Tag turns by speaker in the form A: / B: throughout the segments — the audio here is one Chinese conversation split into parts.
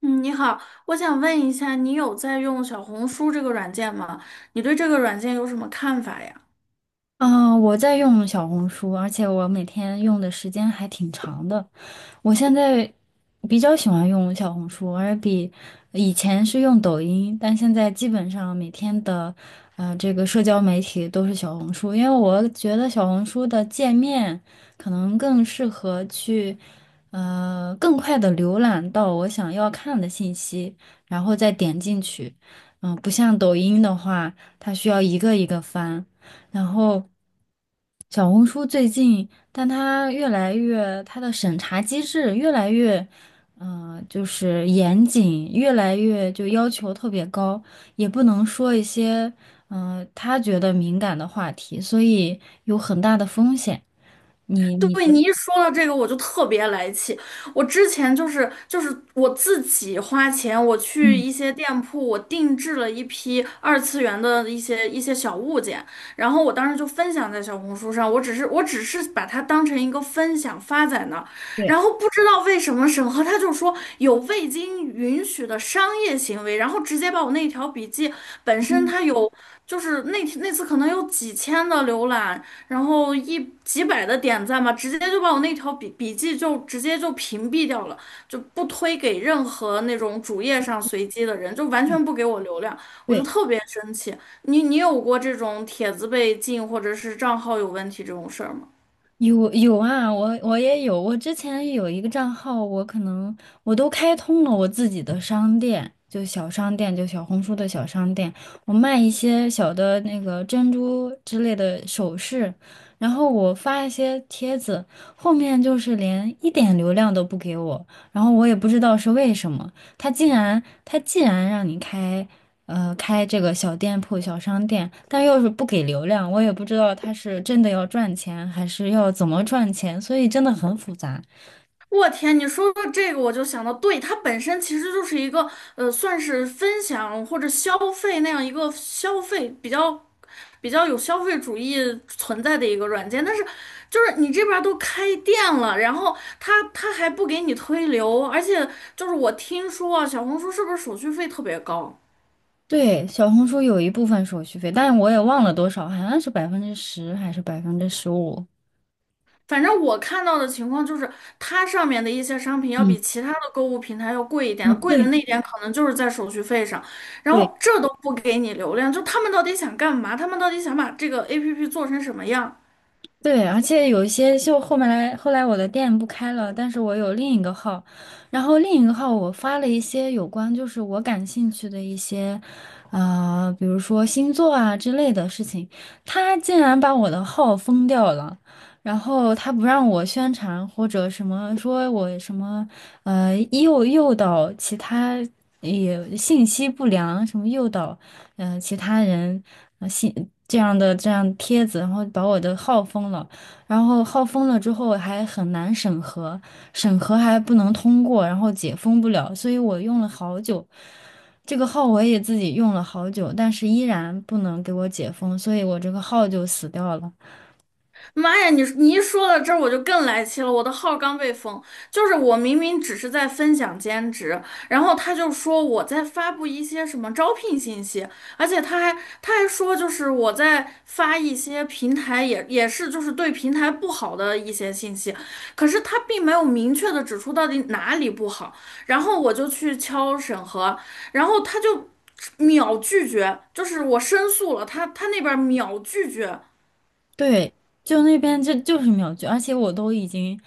A: 嗯，你好，我想问一下，你有在用小红书这个软件吗？你对这个软件有什么看法呀？
B: 嗯，我在用小红书，而且我每天用的时间还挺长的。我现在比较喜欢用小红书，而比以前是用抖音，但现在基本上每天的这个社交媒体都是小红书，因为我觉得小红书的界面可能更适合去更快的浏览到我想要看的信息，然后再点进去。嗯，不像抖音的话，它需要一个一个翻，然后。小红书最近，但它越来越，它的审查机制越来越，就是严谨，越来越就要求特别高，也不能说一些，他觉得敏感的话题，所以有很大的风险。你觉
A: 对，
B: 得？
A: 你一说到这个，我就特别来气。我之前就是我自己花钱，我去
B: 嗯，
A: 一些店铺，我定制了一批二次元的一些小物件，然后我当时就分享在小红书上，我只是把它当成一个分享发在那儿，
B: 对，
A: 然后不知道为什么审核他就说有未经允许的商业行为，然后直接把我那条笔记本身
B: 嗯，
A: 它有。就是那次可能有几千的浏览，然后一几百的点赞吧，直接就把我那条笔记就直接就屏蔽掉了，就不推给任何那种主页上随机的人，就完全不给我流量，我就
B: 对。
A: 特别生气。你有过这种帖子被禁或者是账号有问题这种事儿吗？
B: 有啊，我也有，我之前有一个账号，我可能我都开通了我自己的商店，就小商店，就小红书的小商店，我卖一些小的那个珍珠之类的首饰，然后我发一些帖子，后面就是连一点流量都不给我，然后我也不知道是为什么，他竟然他既然让你开。开这个小店铺、小商店，但要是不给流量，我也不知道他是真的要赚钱，还是要怎么赚钱，所以真的很复杂。
A: 我天，你说到这个，我就想到，对，它本身其实就是一个，算是分享或者消费那样一个消费比较有消费主义存在的一个软件。但是，就是你这边儿都开店了，然后它还不给你推流，而且就是我听说啊，小红书是不是手续费特别高？
B: 对，小红书有一部分手续费，但我也忘了多少，好像是百分之十还是15%。
A: 反正我看到的情况就是，它上面的一些商品要比
B: 嗯，
A: 其他的购物平台要贵一
B: 哦，
A: 点，贵的
B: 对
A: 那一点可能就是在手续费上，然
B: 对，
A: 后这都不给你流量，就他们到底想干嘛？他们到底想把这个 APP 做成什么样？
B: 对，而且有一些就后面来，后来我的店不开了，但是我有另一个号，然后另一个号我发了一些有关就是我感兴趣的一些，比如说星座啊之类的事情，他竟然把我的号封掉了，然后他不让我宣传或者什么，说我什么，诱导其他也信息不良，什么诱导。嗯、其他人啊信这样帖子，然后把我的号封了，然后号封了之后还很难审核，审核还不能通过，然后解封不了，所以我用了好久，这个号我也自己用了好久，但是依然不能给我解封，所以我这个号就死掉了。
A: 妈呀，你一说到这儿，我就更来气了。我的号刚被封，就是我明明只是在分享兼职，然后他就说我在发布一些什么招聘信息，而且他还说就是我在发一些平台也是就是对平台不好的一些信息，可是他并没有明确的指出到底哪里不好，然后我就去敲审核，然后他就秒拒绝，就是我申诉了，他那边秒拒绝。
B: 对，就那边就是秒拒，而且我都已经。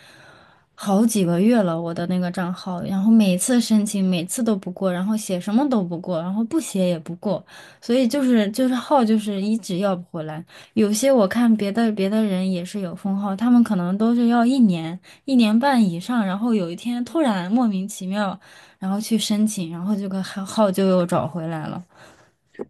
B: 好几个月了，我的那个账号，然后每次申请，每次都不过，然后写什么都不过，然后不写也不过，所以就是号就是一直要不回来。有些我看别的人也是有封号，他们可能都是要一年1年半以上，然后有一天突然莫名其妙，然后去申请，然后这个号就又找回来了。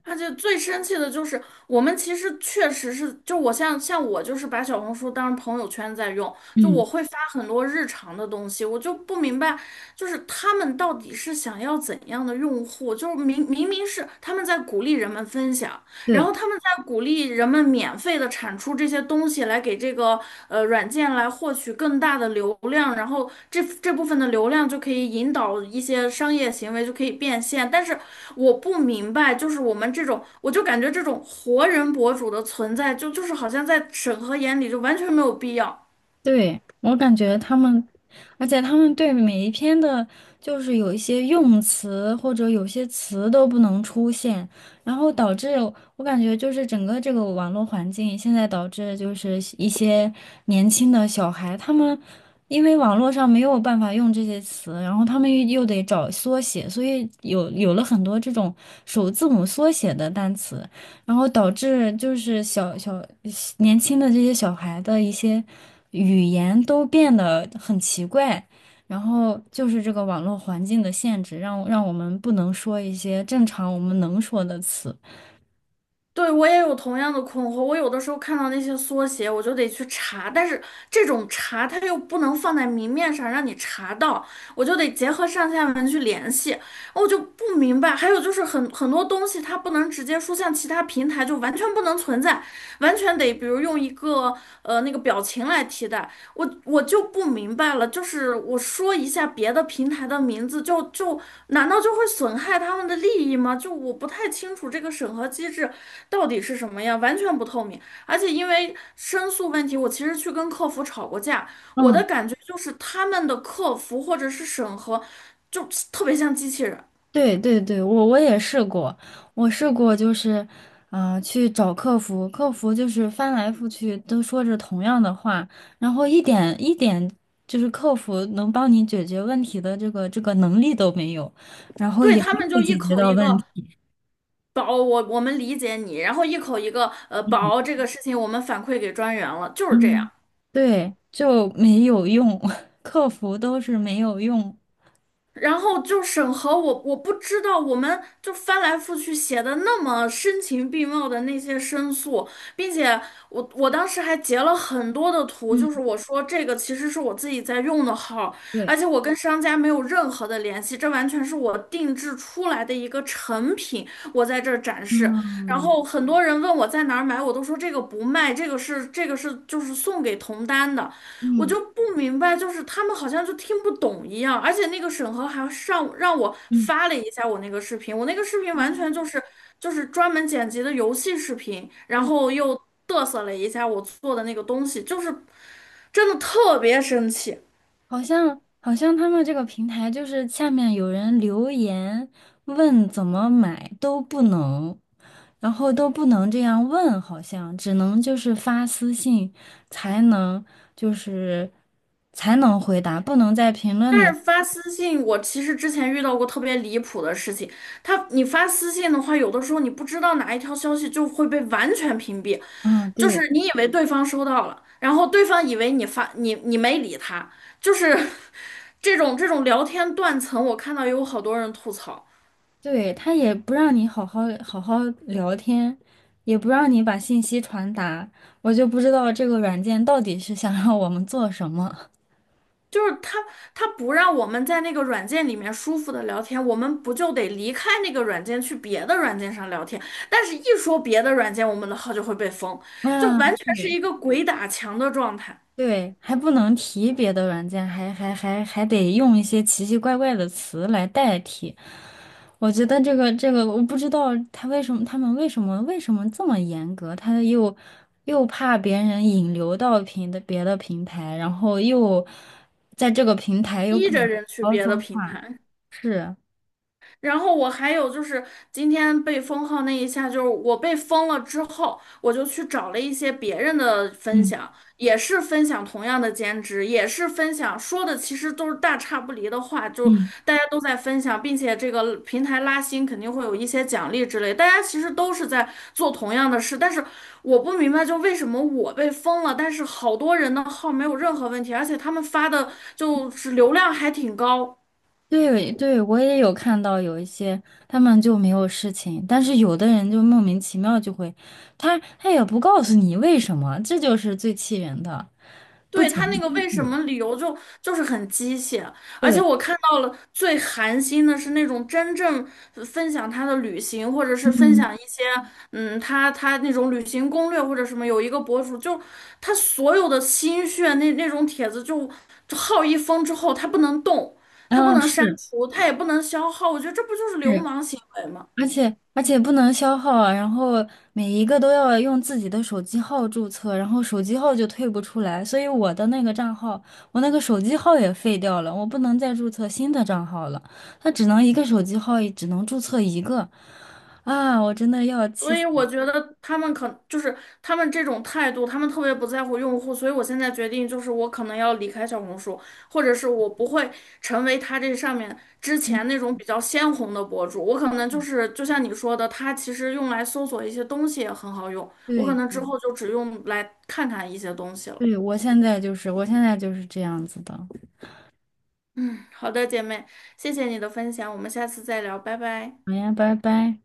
A: 而且最生气的就是，我们其实确实是，就我像我就是把小红书当朋友圈在用，就
B: 嗯，
A: 我会发很多日常的东西，我就不明白，就是他们到底是想要怎样的用户？就是明明是他们在鼓励人们分享，然
B: 对，
A: 后他们在鼓励人们免费的产出这些东西，来给这个软件来获取更大的流量，然后这部分的流量就可以引导一些商业行为，就可以变现。但是我不明白，就是我们这种，我就感觉这种活人博主的存在就是好像在审核眼里就完全没有必要。
B: 对，我感觉他们，而且他们对每一篇的，就是有一些用词或者有些词都不能出现，然后导致我感觉就是整个这个网络环境现在导致就是一些年轻的小孩，他们因为网络上没有办法用这些词，然后他们又得找缩写，所以有了很多这种首字母缩写的单词，然后导致就是年轻的这些小孩的一些语言都变得很奇怪，然后就是这个网络环境的限制，让我们不能说一些正常我们能说的词。
A: 对，我也有同样的困惑。我有的时候看到那些缩写，我就得去查，但是这种查它又不能放在明面上让你查到，我就得结合上下文去联系。我就不明白。还有就是很多东西它不能直接说，像其他平台，就完全不能存在，完全得比如用一个那个表情来替代。我就不明白了，就是我说一下别的平台的名字，就难道就会损害他们的利益吗？就我不太清楚这个审核机制到底是什么样，完全不透明。而且因为申诉问题，我其实去跟客服吵过架，我的
B: 嗯，
A: 感觉就是他们的客服或者是审核。就特别像机器人。
B: 对对对，我也试过，我试过就是，去找客服，客服就是翻来覆去都说着同样的话，然后一点一点就是客服能帮你解决问题的这个能力都没有，然后
A: 对，
B: 也
A: 他
B: 没
A: 们
B: 有
A: 就一
B: 解决
A: 口
B: 到
A: 一
B: 问
A: 个
B: 题，
A: 宝，我们理解你，然后一口一个宝这个事情我们反馈给专员了，就是这样。
B: 嗯，对，就没有用，客服都是没有用，
A: 然后就审核我，我不知道，我们就翻来覆去写的那么深情并茂的那些申诉，并且我当时还截了很多的图，
B: 嗯
A: 就是我说这个其实是我自己在用的号，而
B: 对，
A: 且我跟商家没有任何的联系，这完全是我定制出来的一个成品，我在这儿展
B: 嗯
A: 示。然后
B: 嗯
A: 很多人问我在哪儿买，我都说这个不卖，这个是就是送给同单的。我
B: 嗯
A: 就不明白，就是他们好像就听不懂一样，而且那个审核还上让我
B: 嗯。
A: 发了一下我那个视频，我那个视频完
B: 嗯，
A: 全就
B: 对
A: 是就是专门剪辑的游戏视频，然后又嘚瑟了一下我做的那个东西，就是真的特别生气。
B: 好像他们这个平台就是下面有人留言问怎么买都不能，然后都不能这样问，好像只能就是发私信才能就是才能回答，不能在评论
A: 但是
B: 里。
A: 发私信，我其实之前遇到过特别离谱的事情。他，你发私信的话，有的时候你不知道哪一条消息就会被完全屏蔽，
B: 嗯，
A: 就
B: 对
A: 是你以为对方收到了，然后对方以为你发你没理他，就是 这种聊天断层，我看到有好多人吐槽。
B: 对，他也不让你好好聊天，也不让你把信息传达，我就不知道这个软件到底是想让我们做什么。
A: 就是他不让我们在那个软件里面舒服的聊天，我们不就得离开那个软件去别的软件上聊天？但是，一说别的软件，我们的号就会被封，就
B: 啊，
A: 完全是
B: 对。
A: 一个鬼打墙的状态，
B: 对，还不能提别的软件，还得用一些奇奇怪怪的词来代替。我觉得这个，我不知道他为什么，他们为什么这么严格？他又怕别人引流到别的平台，然后又在这个平台又
A: 逼
B: 不
A: 着
B: 能
A: 人去
B: 好好
A: 别
B: 说
A: 的平
B: 话，
A: 台。
B: 是。
A: 然后我还有就是今天被封号那一下，就是我被封了之后，我就去找了一些别人的分
B: 嗯
A: 享，也是分享同样的兼职，也是分享说的其实都是大差不离的话，就
B: 嗯。
A: 大家都在分享，并且这个平台拉新肯定会有一些奖励之类，大家其实都是在做同样的事，但是我不明白就为什么我被封了，但是好多人的号没有任何问题，而且他们发的就是流量还挺高。
B: 对对，我也有看到有一些他们就没有事情，但是有的人就莫名其妙就会，他也不告诉你为什么，这就是最气人的。
A: 对，他那个为什么理由就是很机械，而且
B: 对，
A: 我看到了最寒心的是那种真正分享他的旅行，或者是分
B: 嗯，
A: 享一些嗯他那种旅行攻略或者什么，有一个博主就他所有的心血那种帖子就就耗一封之后，他不能动，他不
B: 啊，
A: 能删
B: 是
A: 除，他也不能消耗，我觉得这不就是流
B: 是，
A: 氓行为吗？
B: 而且不能消耗啊，然后每一个都要用自己的手机号注册，然后手机号就退不出来，所以我的那个账号，我那个手机号也废掉了，我不能再注册新的账号了，它只能一个手机号，只能注册一个，啊，我真的要气
A: 所以
B: 死了。
A: 我觉得他们可就是他们这种态度，他们特别不在乎用户，所以我现在决定就是我可能要离开小红书，或者是我不会成为他这上面之
B: 嗯，
A: 前那种比较鲜红的博主，我可能就是就像你说的，它其实用来搜索一些东西也很好用，我可
B: 对
A: 能之后就只用来看看一些东西了。
B: 对，我现在就是这样子的。
A: 好的，姐妹，谢谢你的分享，我们下次再聊，拜拜。
B: 好呀，拜拜。